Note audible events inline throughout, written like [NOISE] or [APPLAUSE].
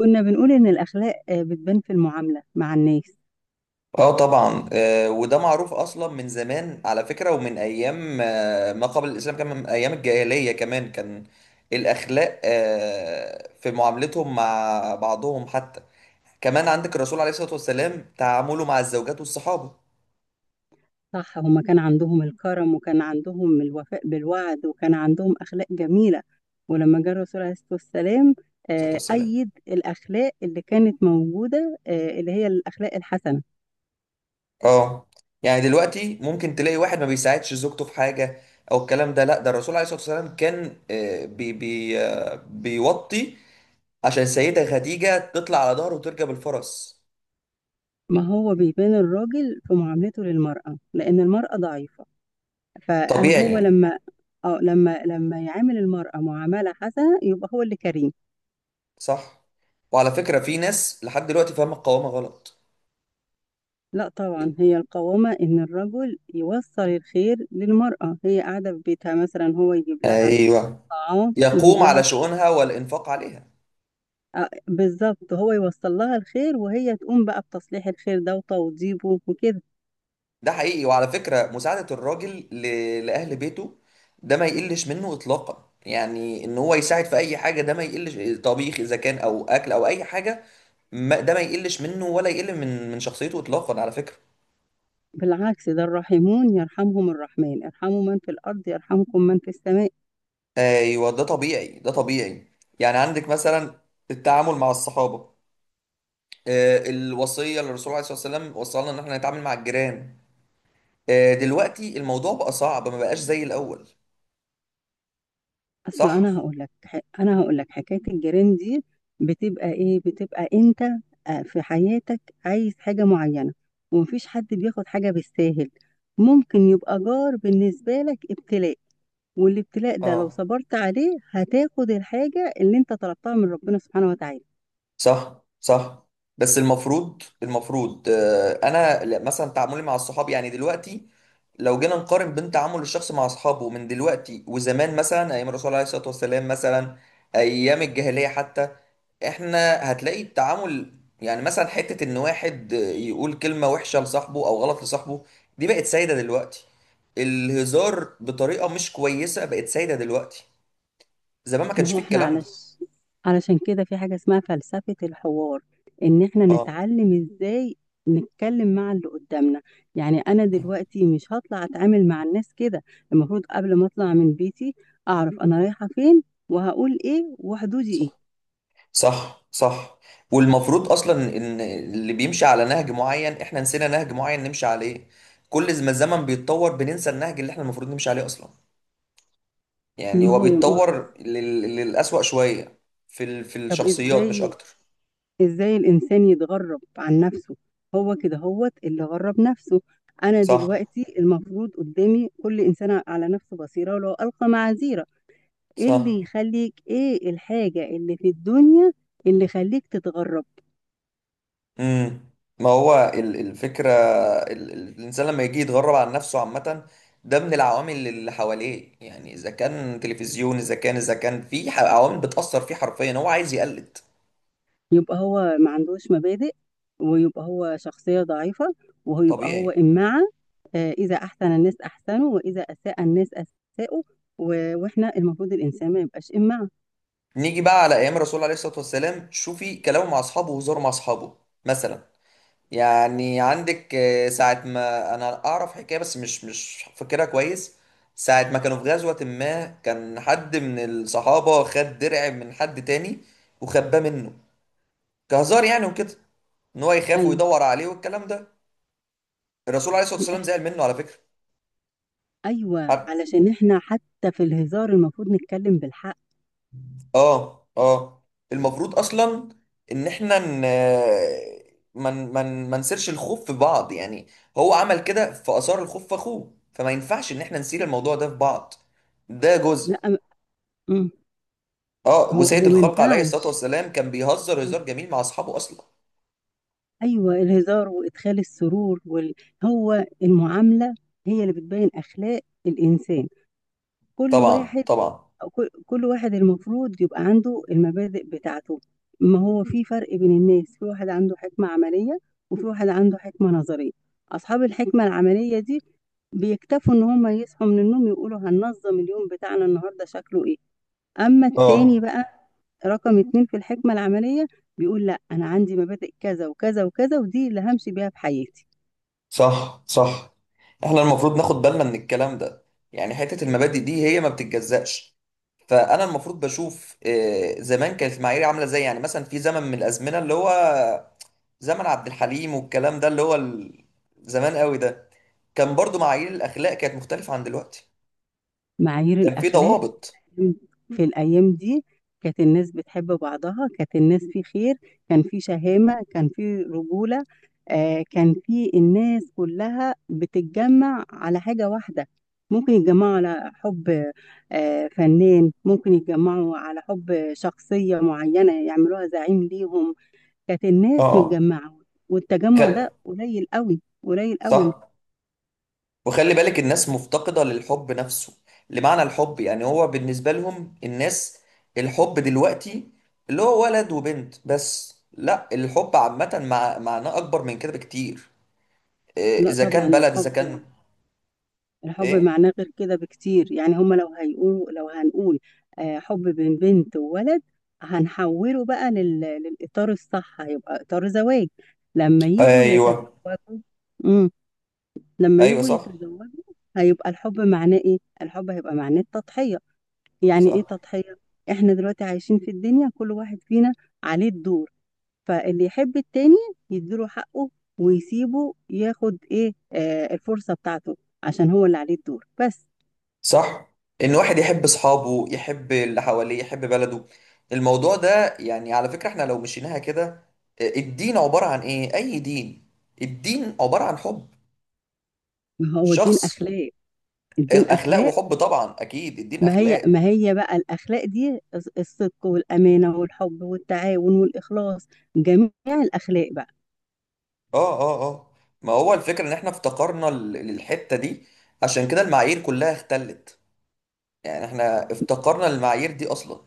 كنا بنقول إن الأخلاق بتبان في المعاملة مع الناس. اه طبعا، وده معروف اصلا من زمان على فكره، ومن ايام ما قبل الاسلام كمان، من ايام الجاهليه كمان كان الاخلاق في معاملتهم مع بعضهم حتى. كمان عندك الرسول عليه الصلاه والسلام تعامله مع الزوجات والصحابه عليه صح، هما كان عندهم الكرم، وكان عندهم الوفاء بالوعد، وكان عندهم أخلاق جميلة. ولما جه الرسول عليه الصلاة والسلام الصلاه والسلام. أيد الأخلاق اللي كانت موجودة، اللي هي الأخلاق الحسنة. اه، يعني دلوقتي ممكن تلاقي واحد ما بيساعدش زوجته في حاجه او الكلام ده. لا، ده الرسول عليه الصلاه والسلام كان آه، بي بي آه، بيوطي عشان السيده خديجه تطلع على ظهره وتركب الفرس. ما هو بيبان الراجل في معاملته للمرأة لأن المرأة ضعيفة. طبيعي فهو يعني. لما اه لما لما يعامل المرأة معاملة حسنة يبقى هو اللي كريم. صح. وعلى فكرة، في ناس لحد دلوقتي فاهمة القوامة غلط. لا طبعا، هي القوامة إن الرجل يوصل الخير للمرأة، هي قاعدة في بيتها مثلا، هو يجيب لها ايوه. طعام، يجيب يقوم لها. على شؤونها والانفاق عليها. بالظبط، هو يوصل لها الخير وهي تقوم بقى بتصليح الخير ده وتوضيبه وكده. ده حقيقي. وعلى فكرة، مساعدة الراجل لأهل بيته ده ما يقلش منه إطلاقا، يعني إن هو يساعد في أي حاجة ده ما يقلش، طبيخ إذا كان أو أكل أو أي حاجة. ما... ده ما يقلش منه ولا يقل من شخصيته إطلاقا على فكرة. بالعكس، ده الراحمون يرحمهم الرحمن، ارحموا من في الأرض يرحمكم من في السماء. ايوه، ده طبيعي ده طبيعي. يعني عندك مثلا التعامل مع الصحابة. الوصيه اللي الرسول عليه الصلاه والسلام وصلنا ان احنا نتعامل مع الجيران. دلوقتي الموضوع بقى صعب، ما بقاش زي الاول. اصل صح. انا هقول لك حكايه الجيران دي. بتبقى ايه؟ بتبقى انت في حياتك عايز حاجه معينه، ومفيش حد بياخد حاجه بالساهل. ممكن يبقى جار بالنسبه لك ابتلاء، والابتلاء ده لو اه، صبرت عليه هتاخد الحاجه اللي انت طلبتها من ربنا سبحانه وتعالى. صح صح. بس المفروض انا مثلا تعاملي مع الصحاب يعني دلوقتي. لو جينا نقارن بين تعامل الشخص مع اصحابه من دلوقتي وزمان، مثلا ايام الرسول عليه الصلاه والسلام، مثلا ايام الجاهليه حتى، احنا هتلاقي التعامل. يعني مثلا حته ان واحد يقول كلمه وحشه لصاحبه او غلط لصاحبه، دي بقت سايده دلوقتي. الهزار بطريقه مش كويسه بقت سايده دلوقتي. زمان ما ما كانش هو فيه احنا الكلام ده. علش... علشان كده في حاجة اسمها فلسفة الحوار، ان احنا اه. نتعلم ازاي نتكلم مع اللي قدامنا. يعني انا دلوقتي مش هطلع اتعامل مع الناس كده. المفروض قبل ما اطلع من بيتي اعرف انا رايحة فين، وهقول ايه، وحدودي صح ايه. صح صح. والمفروض اصلا ان اللي بيمشي على نهج معين، احنا نسينا نهج معين نمشي عليه. كل ما الزمن بيتطور، بننسى النهج اللي احنا المفروض نمشي عليه اصلا. يعني ما هو هو ما هو بيتطور إز- للأسوأ شوية في طب الشخصيات مش ازاي اكتر. ازاي الانسان يتغرب عن نفسه؟ هو كده هوت اللي غرب نفسه. انا صح دلوقتي المفروض قدامي كل انسان على نفسه بصيرة ولو القى معاذيره. ايه صح. اللي يخليك، ايه الحاجة اللي في الدنيا اللي يخليك تتغرب؟ امم. ما هو الفكرة. الانسان لما يجي يتغرب عن نفسه عامة، ده من العوامل اللي حواليه. يعني اذا كان تلفزيون، اذا كان في عوامل بتأثر فيه حرفيا، هو عايز يقلد. يبقى هو ما عندوش مبادئ، ويبقى هو شخصية ضعيفة، وهو يبقى هو طبيعي. إمعة. إذا أحسن الناس أحسنوا وإذا أساء الناس أساءوا. و- وإحنا المفروض الإنسان ما يبقاش إمعة. نيجي بقى على ايام الرسول عليه الصلاه والسلام، شوفي كلامه مع اصحابه وهزاره مع اصحابه مثلا. يعني عندك ساعه ما انا اعرف حكايه بس مش فاكرها كويس. ساعه ما كانوا في غزوه، ما كان حد من الصحابه خد درع من حد تاني وخباه منه كهزار يعني وكده، ان هو يخاف أيوه. ويدور عليه والكلام ده. الرسول عليه الصلاه والسلام زعل منه على فكره. أيوه، علشان إحنا حتى في الهزار المفروض نتكلم بالحق. اه اه. المفروض اصلا ان احنا ن... ما من... من... ما نسيرش الخوف في بعض يعني. هو عمل كده فاثار الخوف في اخوه، فما ينفعش ان احنا نسير الموضوع ده في بعض. ده لا جزء. م- مم. اه، هو وسيد هو ما الخلق عليه الصلاة ينفعش. والسلام كان بيهزر هزار جميل مع اصحابه اصلا. ايوه، الهزار وادخال السرور وال... هو المعامله هي اللي بتبين اخلاق الانسان. كل طبعا واحد، طبعا. كل واحد المفروض يبقى عنده المبادئ بتاعته. ما هو في فرق بين الناس: في واحد عنده حكمه عمليه، وفي واحد عنده حكمه نظريه. اصحاب الحكمه العمليه دي بيكتفوا ان هم يصحوا من النوم يقولوا هننظم اليوم بتاعنا النهارده شكله ايه. اما التاني اه، بقى، رقم اتنين في الحكمة العملية، بيقول لا، انا عندي مبادئ كذا وكذا وكذا، ودي اللي همشي بيها في حياتي. صح صح. احنا المفروض ناخد بالنا من الكلام ده. يعني حتة المبادئ دي هي ما بتتجزأش. فانا المفروض بشوف زمان كانت المعايير عامله ازاي. يعني مثلا في زمن من الازمنه اللي هو زمن عبد الحليم والكلام ده، اللي هو زمان قوي ده، كان برضو معايير الاخلاق كانت مختلفه عن دلوقتي، معايير كان في الاخلاق ضوابط. في الايام دي، كانت الناس بتحب بعضها، كانت الناس في خير، كان في شهامة، كان في رجولة. آه، كان في الناس كلها بتتجمع على حاجة واحدة. ممكن يتجمعوا على حب، آه، فنان، ممكن يتجمعوا على حب شخصية معينة يعملوها زعيم ليهم. كانت الناس اه. متجمعة، والتجمع خل... ده قليل قوي قليل قوي. صح. وخلي بالك الناس مفتقدة للحب نفسه، لمعنى الحب. يعني هو بالنسبة لهم الناس، الحب دلوقتي اللي هو ولد وبنت بس. لا، الحب عامة معناه أكبر من كده بكتير. لا إذا طبعا، كان بلد إذا كان الحب، الحب إيه. معناه غير كده بكتير. يعني هما لو هيقولوا، لو هنقول حب بين بنت وولد، هنحوله بقى لل... للإطار الصح، هيبقى إطار زواج لما يجوا ايوه يتزوجوا. امم. لما ايوه. يجوا صح يتزوجوا هيبقى الحب معناه ايه؟ الحب هيبقى معناه التضحية. يعني ايه صح تضحية؟ احنا دلوقتي عايشين في الدنيا، كل واحد فينا عليه الدور. فاللي يحب التاني يديله حقه، ويسيبه ياخد ايه الفرصة بتاعته، عشان هو اللي عليه الدور بس. صح. ان واحد يحب اصحابه، يحب اللي حواليه، يحب بلده. الموضوع ده يعني على فكرة احنا لو مشيناها كده، الدين عبارة عن ايه؟ اي دين، الدين عبارة عن حب، ما هو الدين شخص. أخلاق. الدين اخلاق أخلاق. وحب، طبعا اكيد الدين ما هي اخلاق. ما هي بقى الأخلاق دي؟ الصدق والأمانة والحب والتعاون والإخلاص، جميع الأخلاق بقى. اه اه اه. ما هو الفكرة ان احنا افتقرنا للحتة دي، عشان كده المعايير كلها اختلت. يعني احنا افتقرنا للمعايير دي اصلا.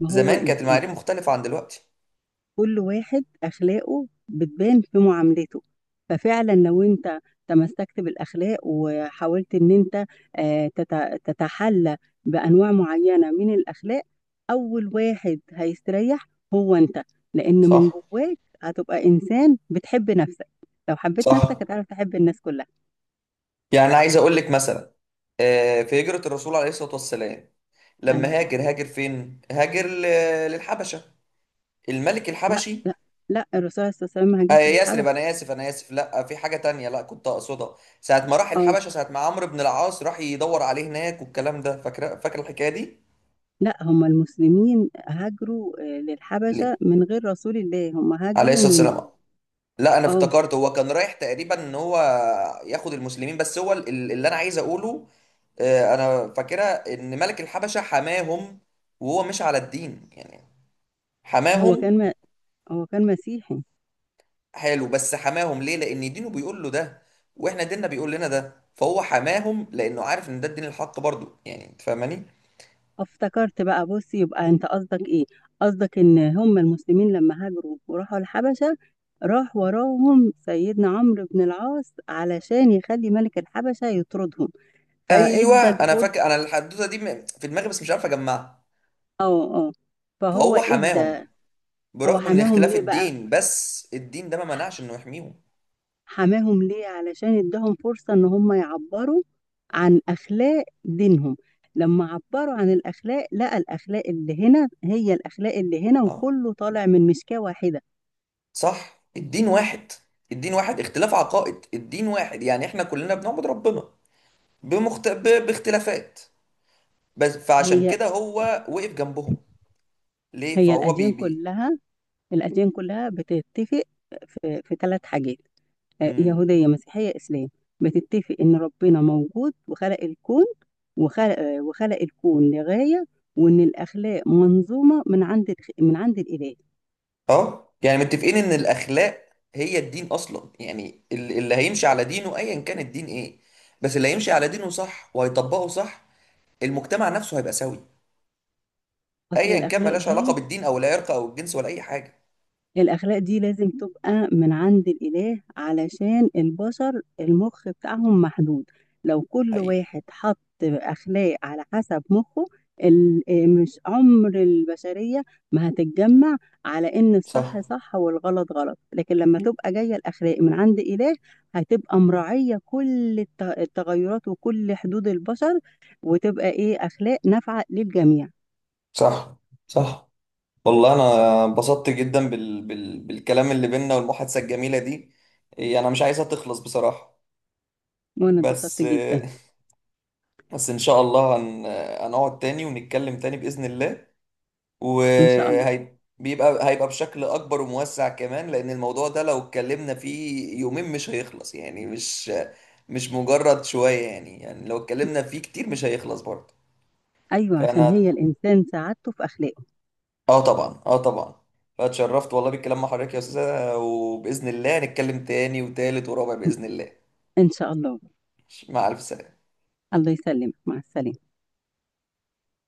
ما هو زمان كانت المعايير مختلفة عن دلوقتي. كل واحد أخلاقه بتبان في معاملته. ففعلا لو أنت تمسكت بالأخلاق وحاولت إن أنت تتحلى بأنواع معينة من الأخلاق، أول واحد هيستريح هو أنت. لأن من صح جواك هتبقى إنسان بتحب نفسك. لو حبيت صح. نفسك هتعرف تحب الناس كلها. يعني عايز اقول لك مثلا، في هجرة الرسول عليه الصلاة والسلام، عليه لما الصلاة هاجر والسلام. هاجر فين؟ هاجر للحبشة، الملك لا، الحبشي. لا، لا، الرسول عليه الصلاة والسلام ما هاجرش يثرب، للحبشة. انا اسف انا اسف، لا في حاجة تانية لا كنت اقصدها. ساعة ما راح اه، الحبشة، ساعة ما عمرو بن العاص راح يدور عليه هناك والكلام ده، فاكر فاكر الحكاية دي؟ لا، هم المسلمين هاجروا للحبشة ليه؟ من غير رسول الله. هم عليه هاجروا الصلاة من... والسلام. لا، انا اه. افتكرت هو كان رايح تقريبا ان هو ياخد المسلمين، بس هو اللي انا عايز اقوله، انا فاكرة ان ملك الحبشة حماهم، وهو مش على الدين يعني. هو حماهم. كان م... هو كان مسيحي. حلو، بس حماهم ليه؟ لان دينه بيقول له ده، واحنا ديننا بيقول لنا ده. فهو حماهم لانه عارف ان ده الدين الحق برضو، يعني انت فاهماني؟ افتكرت بقى، بص، يبقى انت قصدك ايه؟ قصدك ان هم المسلمين لما هاجروا وراحوا الحبشة، راح وراهم سيدنا عمرو بن العاص علشان يخلي ملك الحبشة يطردهم، ايوه. فادى انا فاكر الفرس. انا الحدوته دي في دماغي بس مش عارف اجمعها. اه، اه، فهو فهو حماهم ادى. هو برغم من حماهم اختلاف ليه بقى؟ الدين، بس الدين ده ما منعش انه يحميهم. حماهم ليه؟ علشان اداهم فرصة ان هم يعبروا عن اخلاق دينهم. لما عبروا عن الاخلاق لقى الاخلاق اللي هنا هي الاخلاق اللي هنا، اه، وكله طالع من مسكاة واحدة. صح. الدين واحد. الدين واحد، اختلاف عقائد، الدين واحد. يعني احنا كلنا بنعبد ربنا باختلافات بس، فعشان هي كده هو وقف جنبهم. ليه؟ هي فهو بي بي الاديان كلها بتتفق في ثلاث حاجات: مم. يهودية، مسيحية، اسلام. بتتفق ان ربنا موجود وخلق الكون، وخلق وخلق الكون لغاية، وان الاخلاق منظومة من عند الاله. اه، يعني متفقين ان الاخلاق هي الدين اصلا. يعني اللي هيمشي على دينه ايا كان الدين ايه، بس اللي هيمشي على دينه صح وهيطبقه صح، المجتمع نفسه هيبقى سوي، اصل ايا كان. الاخلاق ملهاش علاقة دي بالدين او العرق او الجنس ولا اي حاجة. الأخلاق دي لازم تبقى من عند الإله علشان البشر المخ بتاعهم محدود. لو كل حقيقي. واحد حط أخلاق على حسب مخه، مش عمر البشرية ما هتتجمع على إن صح الصح صح والغلط غلط. لكن لما تبقى جاية الأخلاق من عند إله، هتبقى مراعية كل التغيرات وكل حدود البشر، وتبقى إيه أخلاق نافعة للجميع. صح صح. والله انا انبسطت جدا بالكلام اللي بينا والمحادثة الجميلة دي. انا مش عايزها تخلص بصراحة. وأنا بس اتبسطت جدا. [LAUGHS] بس ان شاء الله هنقعد تاني ونتكلم تاني بإذن الله. إن شاء الله. وهيبقى بشكل اكبر وموسع كمان، لان الموضوع ده لو اتكلمنا فيه يومين مش هيخلص يعني، مش مجرد شوية يعني، يعني لو اتكلمنا فيه كتير مش هيخلص برضه. أيوه، عشان فانا، هي الإنسان سعادته في أخلاقه. اه طبعا اه طبعا. فاتشرفت والله بالكلام مع حضرتك يا استاذة، وباذن الله نتكلم تاني وتالت ورابع باذن الله. إن شاء الله. مع الف سلامة. الله يسلمك، مع السلامة.